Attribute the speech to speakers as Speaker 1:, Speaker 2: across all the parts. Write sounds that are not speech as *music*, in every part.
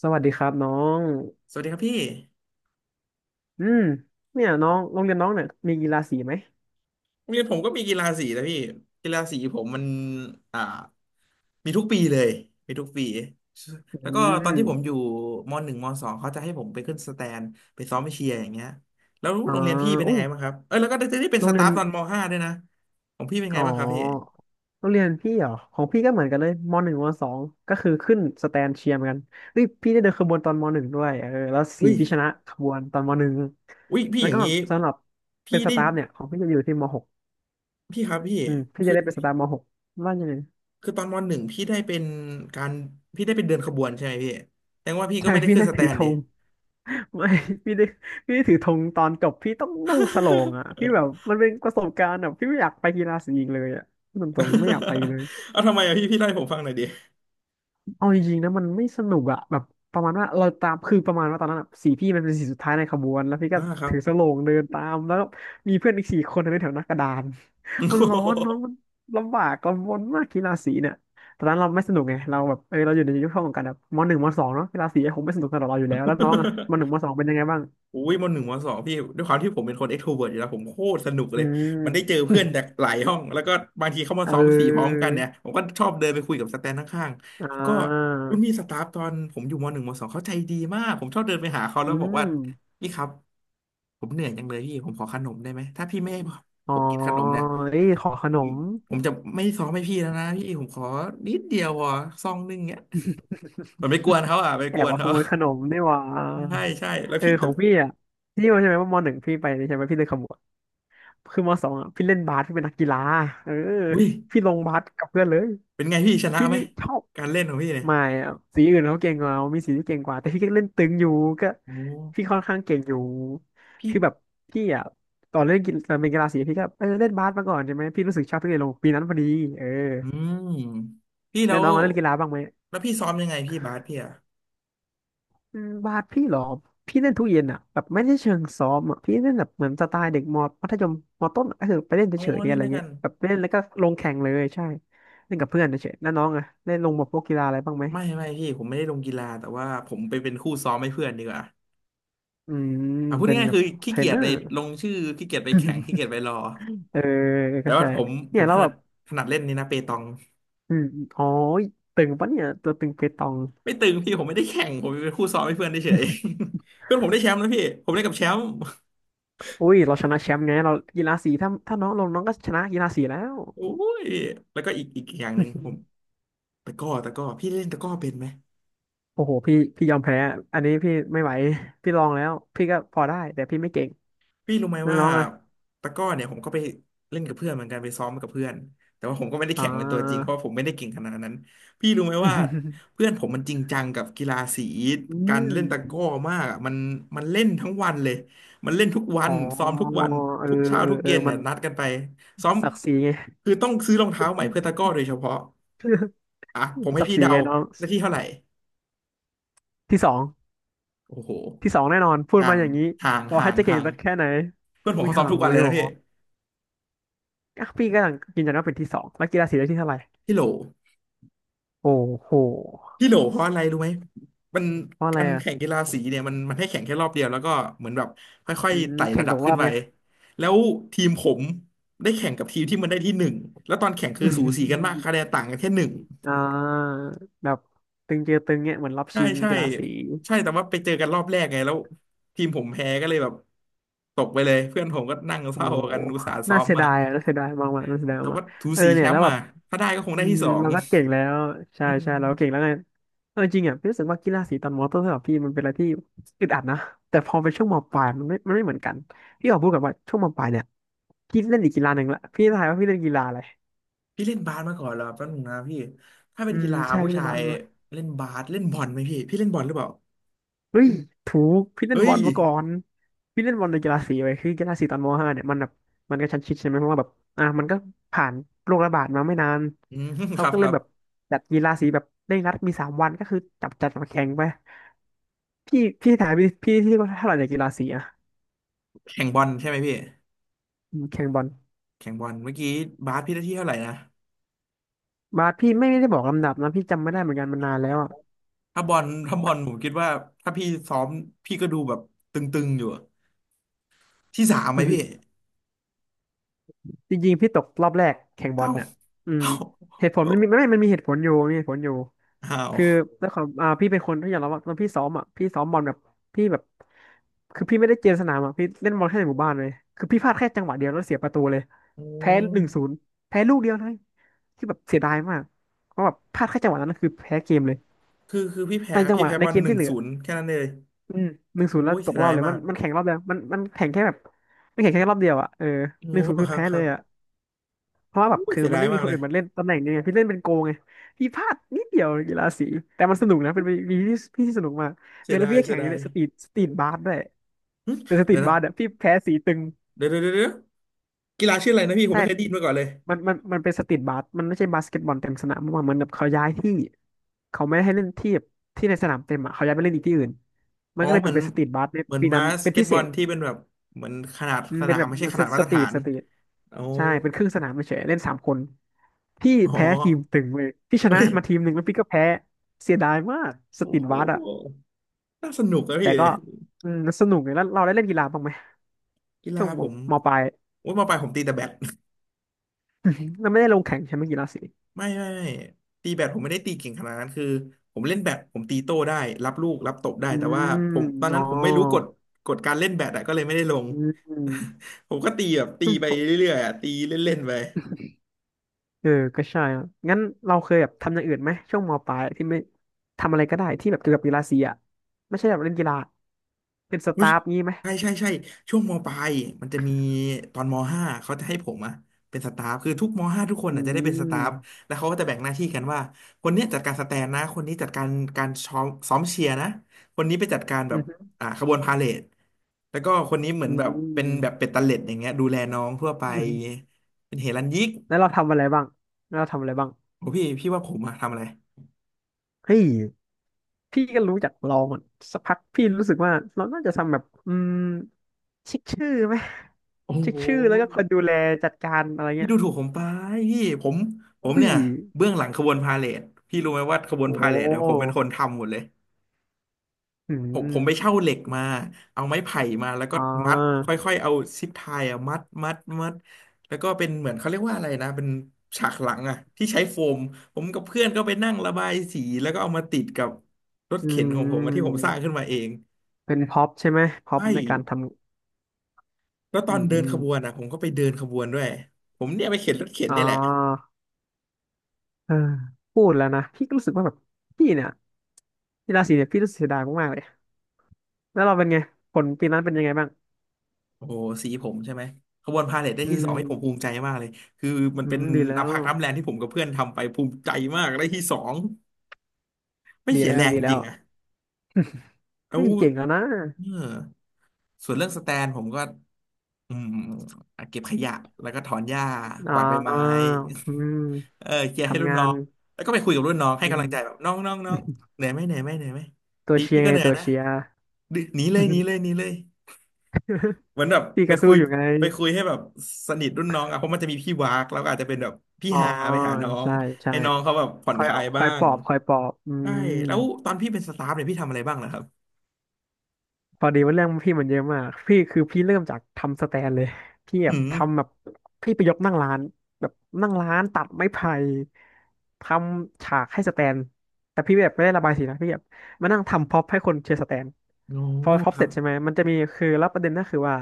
Speaker 1: สวัสดีครับน้อง
Speaker 2: สวัสดีครับพี่
Speaker 1: อืมเนี่ยน้องโรงเรียนน้องเนี่ยมีกีฬาสีไหม
Speaker 2: โรงเรียนผมก็มีกีฬาสีนะพี่กีฬาสีผมมันอ่ามีทุกปีเลยมีทุกปี
Speaker 1: อื
Speaker 2: แล้วก็ตอนที่ผมอ
Speaker 1: ม
Speaker 2: ยู่มหนึ่งมสองเขาจะให้ผมไปขึ้นสแตนไปซ้อมไปเชียร์อย่างเงี้ยแล้ว
Speaker 1: อ๋อ
Speaker 2: โรงเรียนพี่เป็นยั
Speaker 1: อุ้
Speaker 2: งไง
Speaker 1: ย
Speaker 2: บ้างครับเออแล้วก็ได้เป็น
Speaker 1: โร
Speaker 2: ส
Speaker 1: งเรี
Speaker 2: ตา
Speaker 1: ยน
Speaker 2: ฟตอนมห้าด้วยนะของพี่เป็นไง
Speaker 1: อ๋อ
Speaker 2: บ้างครับพี่
Speaker 1: โรงเรียนพี่เหรอของพี่ก็เหมือนกันเลยมหนึ่งมสองก็คือขึ้นสแตนเชียร์เหมือนกันเฮ้ยพี่ได้เดินขบวนตอนมหนึ่งด้วยเออแล้วสี
Speaker 2: อุ้ย
Speaker 1: พี่ชนะขบวนตอนมหนึ่ง
Speaker 2: อุ้ยพี่
Speaker 1: แล้
Speaker 2: อ
Speaker 1: ว
Speaker 2: ย่าง
Speaker 1: ก็
Speaker 2: นี้
Speaker 1: สำหรับเป็
Speaker 2: พี่
Speaker 1: นส
Speaker 2: ได้
Speaker 1: ตาฟเนี่ยของพี่จะอยู่ที่มหก
Speaker 2: พี่ครับพี่
Speaker 1: อืมพี่จะได้เป็นสตาฟมหกว่ายังไง
Speaker 2: คือตอนมหนึ่งพี่ได้เป็นการพี่ได้เป็นเดินขบวนใช่ไหมพี่แสดงว่าพี่ก็
Speaker 1: ใช่
Speaker 2: ไม่ได้
Speaker 1: พี่
Speaker 2: ขึ้น
Speaker 1: ได้
Speaker 2: สแต
Speaker 1: ถือ
Speaker 2: น
Speaker 1: ธ
Speaker 2: ดิ
Speaker 1: ง ไม่ *laughs* พี่ได้พี่ได้ถือธงตอนจบพี่ต้องสโลงอ่ะพี่แบบ
Speaker 2: *laughs*
Speaker 1: มันเป็นประสบการณ์อ่ะพี่ไม่อยากไปกีฬาสีอีกเลยอ่ะพูดตรงๆไม่อยากไปเลย
Speaker 2: *laughs* เอาทำไมอ่ะพี่ไล่าให้ผมฟังหน่อยดิ
Speaker 1: เอาจริงๆนะมันไม่สนุกอ่ะแบบประมาณว่าเราตามคือประมาณว่าตอนนั้นอะสีพี่มันเป็นสีสุดท้ายในขบวนแล้วพี่ก็
Speaker 2: อ่าครับ
Speaker 1: ถือสโลงเดินตามแล้วก็มีเพื่อนอีกสี่คนในแถวหน้ากระดาน
Speaker 2: *laughs* โอ
Speaker 1: *laughs* มั
Speaker 2: โ
Speaker 1: นร้อนเน้อง
Speaker 2: ห
Speaker 1: มันลำบากกังวลำบนมากกีฬาสีเนี่ยตอนนั้นเราไม่สนุกไงเราแบบเออเราอยู่ในยุคช่วงของการแบบมหนึ่งมสองเนาะกีฬาสีคงไม่สนุกสำหรับเราอยู่แล้วแล้วน้องอ่ะมหนึ่งมสองเป็นยังไงบ้าง
Speaker 2: อุ้ยมหนึ่งมสองพี่ด้วยความที่ผมเป็นคน extrovert อกซ์โทรเวิร์ตอยู่แล้วผมโคตรสนุก
Speaker 1: อื
Speaker 2: เลยมันได้เจอ
Speaker 1: ม
Speaker 2: เพื่อนจากหลายห้องแล้วก็บางทีเข้ามา
Speaker 1: เ
Speaker 2: ซ้อมสี่พร้อม
Speaker 1: ออ
Speaker 2: กันเนี่ยผมก็ชอบเดินไปคุยกับสแตนข้างๆ
Speaker 1: อ่า
Speaker 2: แล้วก็รุ่นพี่สตาฟตอนผมอยู่มหนึ่งมสองเขาใจดีมากผมชอบเดินไปหาเขาแล้
Speaker 1: อื
Speaker 2: วบอกว่า
Speaker 1: ม
Speaker 2: พี่ครับผมเหนื่อยจังเลยพี่ผมขอขนมได้ไหมถ้าพี่ไม่ให้
Speaker 1: อ๋อ
Speaker 2: ผมกินขนมเนี่ย
Speaker 1: เอ้ยขอขน
Speaker 2: ผม
Speaker 1: ม
Speaker 2: ผมจะไม่ซ้อมให้พี่แล้วนะพี่ผมขอนิดเดียวพอซองนึงเนี่ย มันไปกวนเขาอ่ะไป
Speaker 1: แอ
Speaker 2: ก
Speaker 1: บ
Speaker 2: วน
Speaker 1: มาข
Speaker 2: เขา
Speaker 1: โมยขนมนี่หว่า
Speaker 2: *laughs* ใช่ใช่แล้ว
Speaker 1: เออ
Speaker 2: พี่
Speaker 1: ข
Speaker 2: แต่
Speaker 1: องพี่อ่ะพี่ว่าใช่ไหมว่ามหนึ่งพี่ไป่ใช่ไหมพี่เลยขโมยคือมสองอ่ะพี่เล่นบาสพี่เป็นนักกีฬาเออ
Speaker 2: อุ้ย
Speaker 1: พี่ลงบาสกับเพื่อนเลย
Speaker 2: เป็นไงพี่ชนะ
Speaker 1: พี่
Speaker 2: ไหม
Speaker 1: นี่ชอบ
Speaker 2: การเล่นของพี่เนี่ย
Speaker 1: ไม่อะสีอื่นเขาเก่งกว่าเรามีสีที่เก่งกว่าแต่พี่ก็เล่นตึงอยู่ก็
Speaker 2: โอ้
Speaker 1: พี่ค่อนข้างเก่งอยู่
Speaker 2: พี่
Speaker 1: พี่แบบพี่อ่ะตอนเล่นกีตอนเป็นกีฬาสีพี่ก็เออเล่นบาสมาก่อนใช่ไหมพี่รู้สึกชอบทุกเย็นลงปีนั้นพอดีเออ
Speaker 2: อืมพี่แล้
Speaker 1: แล้ว
Speaker 2: ว
Speaker 1: น้องอะเล่นกีฬาบ้างไหม
Speaker 2: แล้วพี่ซ้อมยังไงพี่บาสพี่อ่ะ
Speaker 1: อืมบาสพี่เหรอพี่เล่นทุกเย็นอ่ะแบบไม่ได้เชิงซ้อมอ่ะพี่เล่นแบบเหมือนสไตล์เด็กมอมัธยมมอต้นก็คือไปเล่น
Speaker 2: โอ้
Speaker 1: เฉยๆ
Speaker 2: เล่
Speaker 1: อะ
Speaker 2: น
Speaker 1: ไร
Speaker 2: ด้วยกั
Speaker 1: เงี้ย
Speaker 2: น
Speaker 1: แบบเล่นแล้วก็ลงแข่งเลยใช่เล่นกับเพื่อนเฉยๆแล้วน้องอ่ะเล่นลงแบบพวกกีฬาอะไรบ้างไหม
Speaker 2: ไม่พี่ผมไม่ได้ลงกีฬาแต่ว่าผมไปเป็นคู่ซ้อมให้เพื่อนดีกว่า
Speaker 1: อืม
Speaker 2: อ่ะพูด
Speaker 1: เป็น
Speaker 2: ง่าย
Speaker 1: แบ
Speaker 2: ๆ
Speaker 1: บ
Speaker 2: คือ
Speaker 1: เท
Speaker 2: ขี้
Speaker 1: ร
Speaker 2: เกี
Speaker 1: น
Speaker 2: ย
Speaker 1: เน
Speaker 2: จ
Speaker 1: อ
Speaker 2: ไป
Speaker 1: ร์
Speaker 2: ลงชื่อขี้เกียจไปแข่งขี้เกียจไปรอ
Speaker 1: เออ
Speaker 2: แต่
Speaker 1: ก็
Speaker 2: ว่า
Speaker 1: ใช่
Speaker 2: ผมผ
Speaker 1: เนี่
Speaker 2: ม
Speaker 1: ย
Speaker 2: ถ
Speaker 1: เรา
Speaker 2: นั
Speaker 1: แบ
Speaker 2: ด
Speaker 1: บ
Speaker 2: ถนัดเล่นนี่นะเปตอง
Speaker 1: อืมอ๋อตึงปะเนี่ยตัวตึงเปตอง
Speaker 2: ไม่ตึงพี่ผมไม่ได้แข่งผมเป็นคู่ซ้อมให้เพื่อนเฉยๆ *laughs* เพื่อนผมได้แชมป์นะพี่ผมได้กับแชมป์
Speaker 1: อุ้ยเราชนะแชมป์ไงเรากีฬาสีถ้าน้องลงน้องก็ชนะกีฬาสีแล้ว
Speaker 2: โอ้ยแล้วก็อีกอกอย่างหนึ่งผมตะกร้อตะกร้อพี่เล่นตะกร้อเป็นไหม
Speaker 1: โอ้โหพี่พี่ยอมแพ้อันนี้พี่ไม่ไหว *laughs* พี่ลองแล้วพี่ก็พอได้แต่พี่ไม่เก่ง
Speaker 2: พี่รู้ไหม
Speaker 1: แล้ว
Speaker 2: ว่า
Speaker 1: น้องอะ
Speaker 2: ตะกร้อเนี่ยผมก็ไปเล่นกับเพื่อนเหมือนกันไปซ้อมกับเพื่อนแต่ว่าผมก็ไม่ได้
Speaker 1: อ่
Speaker 2: แข่งเป็นตัวจริงเพ
Speaker 1: า
Speaker 2: ราะว่าผมไม่ได้เก่งขนาดนั้นพี่รู้ไหมว่า
Speaker 1: *laughs*
Speaker 2: เพื่อนผมมันจริงจังกับกีฬาสี
Speaker 1: อื
Speaker 2: การเล่นตะกร้อ
Speaker 1: ม
Speaker 2: มากอะมันเล่นทั้งวันเลยมันเล่นทุกวั
Speaker 1: อ๋
Speaker 2: น
Speaker 1: อ
Speaker 2: ซ้อมทุก
Speaker 1: เอ
Speaker 2: วั
Speaker 1: อ
Speaker 2: น
Speaker 1: เออ
Speaker 2: ทุกเช้าทุก
Speaker 1: เออ
Speaker 2: เย็น
Speaker 1: มั
Speaker 2: เนี่ย
Speaker 1: น
Speaker 2: นัดกันไปซ้อม
Speaker 1: ศักดิ์ศรีไง
Speaker 2: คือต้องซื้อรองเท้าใหม่เพื่อตะกร้อโดยเฉพาะ
Speaker 1: *laughs*
Speaker 2: อ่ะผมให้
Speaker 1: ศัก
Speaker 2: พี่
Speaker 1: ดิ์ศรี
Speaker 2: เดา
Speaker 1: ไงน้อง
Speaker 2: หน้าที่เท่าไหร่
Speaker 1: ที่สอง
Speaker 2: โอ้โห
Speaker 1: ที่สองแน่นอนพูด
Speaker 2: ห่า
Speaker 1: มา
Speaker 2: ง
Speaker 1: อย่างนี้
Speaker 2: ห่าง
Speaker 1: ขอ
Speaker 2: ห่า
Speaker 1: ให้
Speaker 2: ง
Speaker 1: จะเก่
Speaker 2: ห่า
Speaker 1: ง
Speaker 2: ง
Speaker 1: สักแค่ไหน
Speaker 2: เพื่อนผ
Speaker 1: อุ้
Speaker 2: ม
Speaker 1: ย
Speaker 2: เขาซ้อ
Speaker 1: ห่า
Speaker 2: ม
Speaker 1: ง
Speaker 2: ทุกวั
Speaker 1: เล
Speaker 2: นเล
Speaker 1: ย
Speaker 2: ย
Speaker 1: เหร
Speaker 2: นะ
Speaker 1: อ
Speaker 2: พี่
Speaker 1: อ่ะพี่ก็ยังยืนยันว่าเป็นที่สองแล้วกีฬาสีได้ที่เท่าไหร่
Speaker 2: พี่โหล
Speaker 1: โอ้โห
Speaker 2: พี่โหลเพราะอะไรรู้ไหมมัน
Speaker 1: เพราะอะไร
Speaker 2: การ
Speaker 1: อ่ะ
Speaker 2: แข่งกีฬาสีเนี่ยมันให้แข่งแค่รอบเดียวแล้วก็เหมือนแบบค่อย
Speaker 1: อืม
Speaker 2: ๆไต่
Speaker 1: แข่ง
Speaker 2: ระดั
Speaker 1: ต
Speaker 2: บ
Speaker 1: กร
Speaker 2: ขึ้
Speaker 1: อ
Speaker 2: น
Speaker 1: บ
Speaker 2: ไป
Speaker 1: ไง
Speaker 2: แล้วทีมผมได้แข่งกับทีมที่มันได้ที่หนึ่งแล้วตอนแข่งคือสูสีกันมาก
Speaker 1: *laughs*
Speaker 2: คะแนนต่างกันแค่หนึ่ง
Speaker 1: อ่าแบบตึงเจอตึงเนี่ยเหมือนรอบ
Speaker 2: ใช่
Speaker 1: ชิง
Speaker 2: ใช่
Speaker 1: กีฬาสี
Speaker 2: ใช่แต่ว่าไปเจอกันรอบแรกไงแล้วทีมผมแพ้ก็เลยแบบตกไปเลยเพื่อนผมก็นั่งเศ
Speaker 1: โอ้โห
Speaker 2: ร้ากันอุตส่าห์ซ้อ
Speaker 1: น่า
Speaker 2: ม
Speaker 1: เสีย
Speaker 2: มา
Speaker 1: ดายอะน่าเสียดายมากๆน่าเสียดาย
Speaker 2: แต่
Speaker 1: มา
Speaker 2: ว่า
Speaker 1: ก
Speaker 2: ถู
Speaker 1: ๆเออ
Speaker 2: สีแช
Speaker 1: เนี่ย
Speaker 2: ม
Speaker 1: แล้ว
Speaker 2: ป์
Speaker 1: แบ
Speaker 2: อ่ะ
Speaker 1: บ
Speaker 2: ถ้าได้ก็คง
Speaker 1: อื
Speaker 2: ได้ที่
Speaker 1: ม
Speaker 2: สอง
Speaker 1: เราก็เก่งแล้วใช่
Speaker 2: อื
Speaker 1: ใช่เราก็เก่ง
Speaker 2: ม
Speaker 1: แล้วไงเออจริงอ่ะพี่รู้สึกว่ากีฬาสีตอนมอต้นสำหรับพี่มันเป็นอะไรที่อึดอัดนะแต่พอเป็นช่วงมปลายมันไม่เหมือนกันพี่ขอพูดกับว่าช่วงมปลายเนี่ยพี่เล่นอีกกีฬาหนึ่งละพี่ทายว่าพี่เล่นกีฬาอะไร
Speaker 2: พี่เล่นบาสมาก่อนเหรอแป๊บนึงนะพี่ถ้าเป็
Speaker 1: อื
Speaker 2: นกี
Speaker 1: ม
Speaker 2: ฬา
Speaker 1: ใช่
Speaker 2: ผู้
Speaker 1: พี่เล
Speaker 2: ชา
Speaker 1: บา
Speaker 2: ย
Speaker 1: ลว่ะ
Speaker 2: เล่นบาสเล่นบอลไหมพี่พี่เล่นบอลหรือเปล่า
Speaker 1: เฮ้ยถูกพี่เล่น
Speaker 2: เฮ้
Speaker 1: บ
Speaker 2: ย
Speaker 1: อลมาก่อนพี่เล่นบอลในกีฬาสีไว้คือกีฬาสีตอนมห้าเนี่ยมันแบบมันก็ชั้นชิดใช่ไหมเพราะว่าแบบอ่ะมันก็ผ่านโรคระบาดมาไม่นาน
Speaker 2: อืม *laughs* ค
Speaker 1: เขา
Speaker 2: รับ
Speaker 1: ก็
Speaker 2: ค
Speaker 1: เลย
Speaker 2: รับ
Speaker 1: แบบจัดกีฬาสีแบบเร่งรัดมีสามวันก็คือจับจัดมาแข่งไปพี่พี่ถามพี่พี่ที่ว่าเท่าไหร่ในกีฬาสีอ่ะ
Speaker 2: แข่งบอลใช่ไหมพี่
Speaker 1: อืมแข่งบอล
Speaker 2: แข่งบอลเมื่อกี้บาสพี่ได้ที่เท่าไหร่นะ
Speaker 1: บาสพี่ไม่ได้บอกลำดับนะพี่จำไม่ได้เหมือนกันมันนานแล้วอ่ะ
Speaker 2: ถ้าบอลผมคิดว่าถ้าพี่ซ้อมพี่ก็ดูแบบตึงๆอยู่อะที่สามไหม
Speaker 1: อื
Speaker 2: พี่
Speaker 1: มจริงๆพี่ตกรอบแรกแข่งบอ
Speaker 2: อ้า
Speaker 1: ล
Speaker 2: ว
Speaker 1: เนี่ยอืม
Speaker 2: อ้าว
Speaker 1: เหตุผล
Speaker 2: อ
Speaker 1: มันมีไม่ไม่มันมีเหตุผลอยู่มีเหตุผลอยู่
Speaker 2: ้าว
Speaker 1: คือด้วยความพี่เป็นคนที่อยากรับว่าตอนพี่ซ้อมอ่ะพี่ซ้อมบอลแบบพี่แบบคือพี่ไม่ได้เจนสนามอ่ะพี่เล่นบอลแค่ในหมู่บ้านเลยคือพี่พลาดแค่จังหวะเดียวแล้วเสียประตูเลย
Speaker 2: โอ้
Speaker 1: แพ้หนึ่งศูนย์แพ้ลูกเดียวเลยคือแบบเสียดายมากเพราะแบบพลาดแค่จังหวะนั้นนะคือแพ้เกมเลย
Speaker 2: คือพี่แพ้
Speaker 1: ในจัง
Speaker 2: พี่
Speaker 1: หวะ
Speaker 2: แพ้
Speaker 1: ใน
Speaker 2: บอล
Speaker 1: เกม
Speaker 2: หนึ่
Speaker 1: ที่
Speaker 2: ง
Speaker 1: เหลื
Speaker 2: ศู
Speaker 1: อ
Speaker 2: นย์แค่นั้นเลย
Speaker 1: อืมหนึ่ง
Speaker 2: โอ้
Speaker 1: ศูนย์แล้ว
Speaker 2: ย
Speaker 1: ต
Speaker 2: เสี
Speaker 1: ก
Speaker 2: ย
Speaker 1: รอ
Speaker 2: ดา
Speaker 1: บ
Speaker 2: ย
Speaker 1: เลย
Speaker 2: มา
Speaker 1: มัน
Speaker 2: ก
Speaker 1: มันแข่งรอบเดียวมันแข่งแค่แบบมันแข่งแค่รอบเดียวอ่ะเออ
Speaker 2: โอ้
Speaker 1: หนึ่งศูนย์คือ
Speaker 2: ครับ
Speaker 1: แพ้
Speaker 2: ค
Speaker 1: เล
Speaker 2: รับ
Speaker 1: ยอ่ะ เพราะว่า
Speaker 2: โอ้
Speaker 1: แบบ
Speaker 2: ย
Speaker 1: คือ
Speaker 2: เสีย
Speaker 1: มั
Speaker 2: ดา
Speaker 1: น
Speaker 2: ย
Speaker 1: ไม่มี
Speaker 2: มาก
Speaker 1: คน
Speaker 2: เลย
Speaker 1: อื่นมาเล่นตำแหน่งนี้ไงพี่เล่นเป็นโกงไงพี่พลาดนิดเดียวกีฬาสีแต่มันสนุกนะเป็นวีที่พี่ที่สนุกมากเอ
Speaker 2: เสี
Speaker 1: อ
Speaker 2: ย
Speaker 1: แล้ว
Speaker 2: ดาย
Speaker 1: พี่ก็
Speaker 2: เสี
Speaker 1: แข่
Speaker 2: ย
Speaker 1: งอ
Speaker 2: ดา
Speaker 1: ยู่
Speaker 2: ย
Speaker 1: ในสตรีทบาสด้วย
Speaker 2: หึ
Speaker 1: แต่สตรี
Speaker 2: เดี๋
Speaker 1: ท
Speaker 2: ยวนะ
Speaker 1: บาสอ่ะพี่แพ้สีตึง
Speaker 2: เดี๋ยวกีฬาชื่ออะไรนะพี่ผม
Speaker 1: ใช่
Speaker 2: ไม่เคยได้ยินมาก่อนเลย
Speaker 1: มันเป็นสตรีทบาสมันไม่ใช่บาสเกตบอลเต็มสนามมันเหมือนแบบเขาย้ายที่เขาไม่ให้เล่นที่ในสนามเต็มอ่ะเขาย้ายไปเล่นอีกที่อื่นมัน
Speaker 2: อ๋อ
Speaker 1: ก็เลย
Speaker 2: เห
Speaker 1: เป็
Speaker 2: มือ
Speaker 1: น
Speaker 2: น
Speaker 1: เป็นสตรีทบาสใน
Speaker 2: เหมือน
Speaker 1: ปี
Speaker 2: บา
Speaker 1: นั้น
Speaker 2: ส
Speaker 1: เป็น
Speaker 2: เก
Speaker 1: พิ
Speaker 2: ต
Speaker 1: เศ
Speaker 2: บอล
Speaker 1: ษ
Speaker 2: ที่เป็นแบบเหมือนขนาด
Speaker 1: อืม
Speaker 2: ส
Speaker 1: เป็
Speaker 2: นา
Speaker 1: น
Speaker 2: ม
Speaker 1: แบบ
Speaker 2: ไม่ใช่ข
Speaker 1: ส
Speaker 2: นาดมา
Speaker 1: ส
Speaker 2: ตร
Speaker 1: ตรี
Speaker 2: ฐา
Speaker 1: ท
Speaker 2: น
Speaker 1: สตรีท
Speaker 2: โอ้
Speaker 1: ใช่เป็นครึ่งสนามเฉยๆเล่นสามคนพี่
Speaker 2: อ๋อ
Speaker 1: แพ้ทีมตึงเลยพี่ช
Speaker 2: เฮ้
Speaker 1: นะ
Speaker 2: ย
Speaker 1: มาทีมหนึ่งแล้วพี่ก็แพ้เสียดายมากสต
Speaker 2: โอ้
Speaker 1: รีท
Speaker 2: โห
Speaker 1: วาดอะ
Speaker 2: น่าสนุกนะ
Speaker 1: แต่
Speaker 2: พี่่
Speaker 1: ก็อืมสนุกเลยแล้วเราได้เล่นกีฬาบ้างไหม
Speaker 2: กีฬา
Speaker 1: ช่วงม
Speaker 2: ผม
Speaker 1: มปลาย
Speaker 2: ว่ามาไปลายผมตีแต่แบด
Speaker 1: *laughs* เราไม่ได้ลงแข่งใช่ไหมกีฬาสี
Speaker 2: *laughs* ไม่ตีแบดผมไม่ได้ตีเก่งขนาดนั้นคือผมเล่นแบดผมตีโต้ได้รับลูกรับตบได้
Speaker 1: อื
Speaker 2: แต่ว่า
Speaker 1: ม
Speaker 2: ผมตอน
Speaker 1: อ๋อ
Speaker 2: นั้นผมไม่รู้กฎกฎการเล่นแบดอะก็เลยไม่ได้ลง
Speaker 1: อืมอืม
Speaker 2: *laughs* ผมก็ตีแบบตีไปเรื่อยๆอะตีเล่นๆไป
Speaker 1: เออก็ใช่อะงั้นเราเคยแบบทำอย่างอื่นไหมช่วงมปลายที่ไม่ทำอะไรก็ได้ที่แบบเกี่ยวกับกีฬาสีอะไม่ใช่แบบเล่นกีฬาเป็นส
Speaker 2: อุ๊
Speaker 1: ตา
Speaker 2: ย
Speaker 1: ฟงี้ไหม
Speaker 2: ใช่ใช่ใช่ช่วงมปลายมันจะมีตอนมห้าเขาจะให้ผมอะเป็นสตาฟคือทุกมห้าทุกคน
Speaker 1: อื
Speaker 2: อะจะได้เป็นสตา
Speaker 1: ม
Speaker 2: ฟแล้วเขาก็จะแบ่งหน้าที่กันว่าคนเนี้ยจัดการสแตนนะคนนี้จัดการการซ้อมเชียร์นะคนนี้ไปจัดการแบ
Speaker 1: อื
Speaker 2: บ
Speaker 1: ม
Speaker 2: ขบวนพาเหรดแล้วก็คนนี้เหมือ
Speaker 1: อื
Speaker 2: นแบบเป็นแบบ
Speaker 1: ม
Speaker 2: เป็ดตะเล็ดอย่างเงี้ยดูแลน้องทั่วไป
Speaker 1: *laughs*
Speaker 2: เป็นเฮรัญญิก
Speaker 1: แล้วเราทำอะไรบ้างแล้วเราทำอะไรบ้าง
Speaker 2: โอ้พี่ว่าผมอะทำอะไร
Speaker 1: เฮ้ยพี่ก็รู้จักลรงสักพักพี่รู้สึกว่าเราน่าจะทำแบบอืมเช็คชื่อไหม
Speaker 2: โอ้
Speaker 1: เช็ค
Speaker 2: โห
Speaker 1: ชื่อแล้วก็คอยดูแลจัดการอะไร
Speaker 2: พี่
Speaker 1: เงี้ย
Speaker 2: ดูถูกผมไปพี่ผมผม
Speaker 1: อุ้ย
Speaker 2: เนี่ยเบื้องหลังขบวนพาเหรดพี่รู้ไหมว่าขบวน
Speaker 1: โอ้
Speaker 2: พาเหรดเนี่ยผมเป็นคนทำหมดเลย
Speaker 1: อื
Speaker 2: ผมไป
Speaker 1: ม
Speaker 2: เช่าเหล็กมาเอาไม้ไผ่มาแล้วก็
Speaker 1: อ่
Speaker 2: มัด
Speaker 1: า
Speaker 2: ค่อยๆเอาซิปไทยอะมัดมัดมัดแล้วก็เป็นเหมือนเขาเรียกว่าอะไรนะเป็นฉากหลังอะที่ใช้โฟมผมกับเพื่อนก็ไปนั่งระบายสีแล้วก็เอามาติดกับรถ
Speaker 1: อื
Speaker 2: เข็นของผมอะที่ผมส
Speaker 1: ม
Speaker 2: ร้างขึ้นมาเอง
Speaker 1: เป็นพ็อปใช่ไหมพ็อ
Speaker 2: ใช่
Speaker 1: ปในการท
Speaker 2: แล้ว
Speaker 1: ำ
Speaker 2: ตอ
Speaker 1: อื
Speaker 2: น
Speaker 1: ม
Speaker 2: เดิ
Speaker 1: อื
Speaker 2: น
Speaker 1: ม
Speaker 2: ขบวนอะผมก็ไปเดินขบวนด้วยผมเนี่ยไปเข็นรถเข็น
Speaker 1: อ่
Speaker 2: เนี่ยแหละ
Speaker 1: าเออพูดแล้วนะพี่ก็รู้สึกว่าแบบพี่เนี่ยกีฬาสีเนี่ยพี่รู้สึกเสียดายมากๆเลยแล้วเราเป็นไงผลปีนั้นเป็นยังไงบ้าง
Speaker 2: โอ้โหสีผมใช่ไหมขบวนพาเหรดได้
Speaker 1: อื
Speaker 2: ที่ส
Speaker 1: ม
Speaker 2: องที่ผมภูมิใจมากเลยคือมัน
Speaker 1: อื
Speaker 2: เป็น
Speaker 1: มดีแล้
Speaker 2: น้ำ
Speaker 1: ว
Speaker 2: พักน้ำแรงที่ผมกับเพื่อนทำไปภูมิใจมากได้ที่สองไม่
Speaker 1: ดี
Speaker 2: เสีย
Speaker 1: แล้
Speaker 2: แร
Speaker 1: ว
Speaker 2: ง
Speaker 1: ดี
Speaker 2: จ
Speaker 1: แล้
Speaker 2: ริ
Speaker 1: ว
Speaker 2: งๆอะแล้
Speaker 1: เฮ้
Speaker 2: ว
Speaker 1: ยเก่งแล้วนะ
Speaker 2: เออส่วนเรื่องสแตนผมก็อืมเก็บขยะแล้วก็ถอนหญ้า
Speaker 1: อ่
Speaker 2: กวาดใบไม้
Speaker 1: าอืม
Speaker 2: *laughs* เออเคลียร์ให้
Speaker 1: ทำ
Speaker 2: รุ่น
Speaker 1: งา
Speaker 2: น้อ
Speaker 1: น
Speaker 2: งแล้วก็ไปคุยกับรุ่นน้องให้
Speaker 1: อื
Speaker 2: กำลั
Speaker 1: ม
Speaker 2: งใจแบบน้องน้องน้อง
Speaker 1: *laughs*
Speaker 2: เหนื่อยไหมเหนื่อยไหมเหนื่อยไหม
Speaker 1: ตัว
Speaker 2: ปี
Speaker 1: เชีย
Speaker 2: พี่
Speaker 1: ร์
Speaker 2: ก็
Speaker 1: ไง
Speaker 2: เหนื่อย
Speaker 1: ตัว
Speaker 2: นะ
Speaker 1: เชียร์
Speaker 2: ดือหนีเลยหนีเลยหนีเลย
Speaker 1: *laughs*
Speaker 2: เหมือนแบบ
Speaker 1: พี่
Speaker 2: ไป
Speaker 1: ก็สู้
Speaker 2: คุย
Speaker 1: อยู่ไง
Speaker 2: ไปคุยให้แบบสนิทรุ่นน้องอ่ะเพราะมันจะมีพี่วากแล้วก็อาจจะเป็นแบบพี่
Speaker 1: อ๋อ
Speaker 2: ฮาไปหาน้อง
Speaker 1: ใช่ใช่
Speaker 2: ให้น้องเขาแบบผ่อ
Speaker 1: ค
Speaker 2: น
Speaker 1: อย
Speaker 2: คลาย
Speaker 1: คอ
Speaker 2: บ้า
Speaker 1: ยป
Speaker 2: ง
Speaker 1: ลอบคอยปลอบอื
Speaker 2: ใช่
Speaker 1: ม
Speaker 2: แล้วตอนพี่เป็นสตาฟเนี่ยพี่ทำอะไรบ้างล่ะครับ
Speaker 1: พอดีว่าเรื่องพี่มันเยอะมากพี่คือพี่เริ่มจากทำสแตนเลยพี่แบ
Speaker 2: อื
Speaker 1: บ
Speaker 2: ม
Speaker 1: ทำแบบพี่ไปยกนั่งร้านแบบนั่งร้านตัดไม้ไผ่ทำฉากให้สแตนแต่พี่แบบไม่ได้ระบายสีนะพี่แบบมานั่งทำพ็อปให้คนเชียร์สแตน
Speaker 2: โอ้
Speaker 1: พอพ็อป
Speaker 2: ค
Speaker 1: เส
Speaker 2: รั
Speaker 1: ร็
Speaker 2: บ
Speaker 1: จใช่ไหมมันจะมีคือแล้วประเด็นก็คือว่า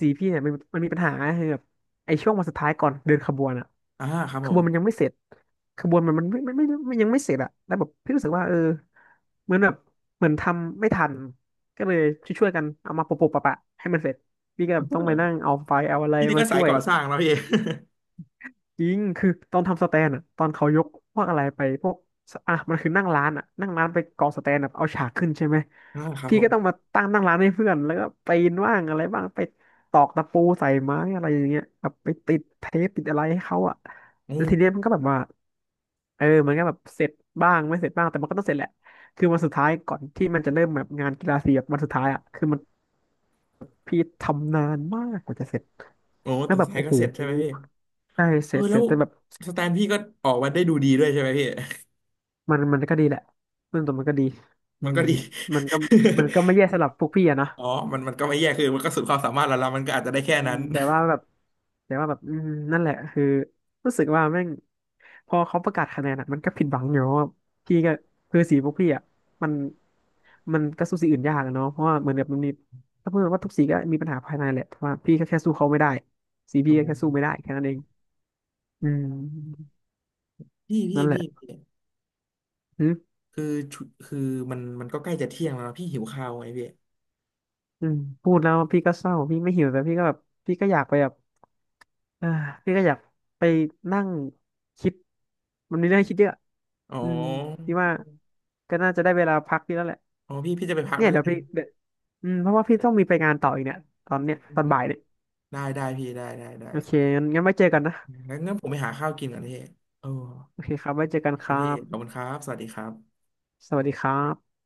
Speaker 1: สีพี่เนี่ยมันมีปัญหาคือแบบไอ้ช่วงวันสุดท้ายก่อนเดินขบวนอะ
Speaker 2: อ่าครับ
Speaker 1: ข
Speaker 2: ผ
Speaker 1: บว
Speaker 2: ม
Speaker 1: นมันยังไม่เส
Speaker 2: *laughs*
Speaker 1: ร็จขบวนมันไม่ยังไม่เสร็จอะแล้วแบบพี่รู้สึกว่าเออเหมือนแบบเหมือนทำไม่ทัน ก็เลยช่วยๆกันเอามาปะๆให้มันเสร็จพี่ก็
Speaker 2: เ
Speaker 1: แบบต้องไปนั่
Speaker 2: ออ
Speaker 1: งเอาไฟล์เอาอะไร
Speaker 2: พี่นี่
Speaker 1: มา
Speaker 2: ก็สา
Speaker 1: ช่
Speaker 2: ย
Speaker 1: วย
Speaker 2: ก่อสร้างแล้วพี่
Speaker 1: จริงคือตอนทำสแตนอะตอนเขายกพวกอะไรไปพวกอ่ะมันคือนั่งร้านอะนั่งร้านไปก่อสแตนแบบเอาฉากขึ้นใช่ไหม
Speaker 2: *laughs* อ่าครับ
Speaker 1: พี่
Speaker 2: ผ
Speaker 1: ก็ต้อง
Speaker 2: ม
Speaker 1: มาตั้งนั่งร้านให้เพื่อนแล้วก็ปีนว่างอะไรบ้างไปตอกตะปูใส่ไม้อะไรอย่างเงี้ยแบบไปติดเทปติดอะไรให้เขาอะ
Speaker 2: โอ
Speaker 1: แล้วทีเนี้ย
Speaker 2: ้
Speaker 1: มันก็แบบว่าเออมันก็แบบเสร็จบ้างไม่เสร็จบ้างแต่มันก็ต้องเสร็จแหละคือวันสุดท้ายก่อนที่มันจะเริ่มแบบงานกีฬาสีแบบวันสุดท้ายอ่ะคือมัน พี่ทำนานมากกว่าจะเสร็จ
Speaker 2: โอ้
Speaker 1: แล้ว
Speaker 2: แต่
Speaker 1: แบบ
Speaker 2: สาย
Speaker 1: โอ้
Speaker 2: เก็
Speaker 1: โห
Speaker 2: เสร็จใช่ไหมพี่
Speaker 1: ใช่เส
Speaker 2: เออ
Speaker 1: ร็จเส
Speaker 2: แล้
Speaker 1: ร็
Speaker 2: ว
Speaker 1: จแต่แบบ
Speaker 2: สแตนพี่ก็ออกมาได้ดูดีด้วยใช่ไหมพี่
Speaker 1: มันมันก็ดีแหละเรื่องตัวมันก็ดี
Speaker 2: *laughs*
Speaker 1: อื
Speaker 2: มันก็
Speaker 1: ม
Speaker 2: ดี
Speaker 1: มันก็ไม่
Speaker 2: *laughs*
Speaker 1: แย่สำหรับพวกพี่อะนะ
Speaker 2: อ๋อมันก็ไม่แย่คือมันก็สุดความสามารถแล้วละมันก็อาจจะได้แค่
Speaker 1: อื
Speaker 2: นั้
Speaker 1: ม
Speaker 2: น
Speaker 1: แต่ว่าแบบอืมนั่นแหละคือรู้สึกว่าแม่งพอเขาประกาศคะแนนอะมันก็ผิดหวังอยู่เพราะว่าพี่ก็คือสีพวกพี่อะมันมันก็สู้สีอื่นยากอะเนาะเพราะว่าเหมือนแบบมันมีถ้าพูดว่าทุกสีก็มีปัญหาภายในแหละแต่ว่าพี่ก็แค่สู้เขาไม่ได้สี
Speaker 2: *laughs* อ๋
Speaker 1: พี่
Speaker 2: อ
Speaker 1: ก็แค่สู้ไม่ได้แค่นั้นเองอืม
Speaker 2: พี่ *laughs* พี่
Speaker 1: นั่นแหละ
Speaker 2: พี่พี่ คือชุคือมันก็ใกล้จะเที่ยงแล้วนะพี่หิวข้าวไงพี่
Speaker 1: อืมพูดแล้วพี่ก็เศร้าพี่ไม่หิวแต่พี่ก็แบบพี่ก็อยากไปแบบอ่าพี่ก็อยากไปนั่งคิดมันมีเรื่องให้คิดเยอะ
Speaker 2: อ๋
Speaker 1: อืม
Speaker 2: อ
Speaker 1: พี่ว่าก็น่าจะได้เวลาพักพี่แล้วแหละ
Speaker 2: อ๋อพี่จะไปพัก
Speaker 1: เนี่ย
Speaker 2: แล้ว *laughs*
Speaker 1: เดี๋
Speaker 2: กั
Speaker 1: ยว
Speaker 2: น
Speaker 1: พี่เดี๋ยวอืมเพราะว่าพี่ต้องมีไปงานต่ออีกเนี่ยตอนเนี้ยตอนบ่ายเนี่ย
Speaker 2: ได้ได้พี่ได้ได้ได้
Speaker 1: โอเคงั้นงั้นไว้เจอกันนะ
Speaker 2: งั้นงั้นผมไปหาข้าวกินก่อนพี่เออ
Speaker 1: โอเคครับไว้เจอกัน
Speaker 2: ค
Speaker 1: ค
Speaker 2: รับ
Speaker 1: รั
Speaker 2: พี่ขอบ
Speaker 1: บ
Speaker 2: คุณครับสวัสดีครับ
Speaker 1: สวัสดีครับ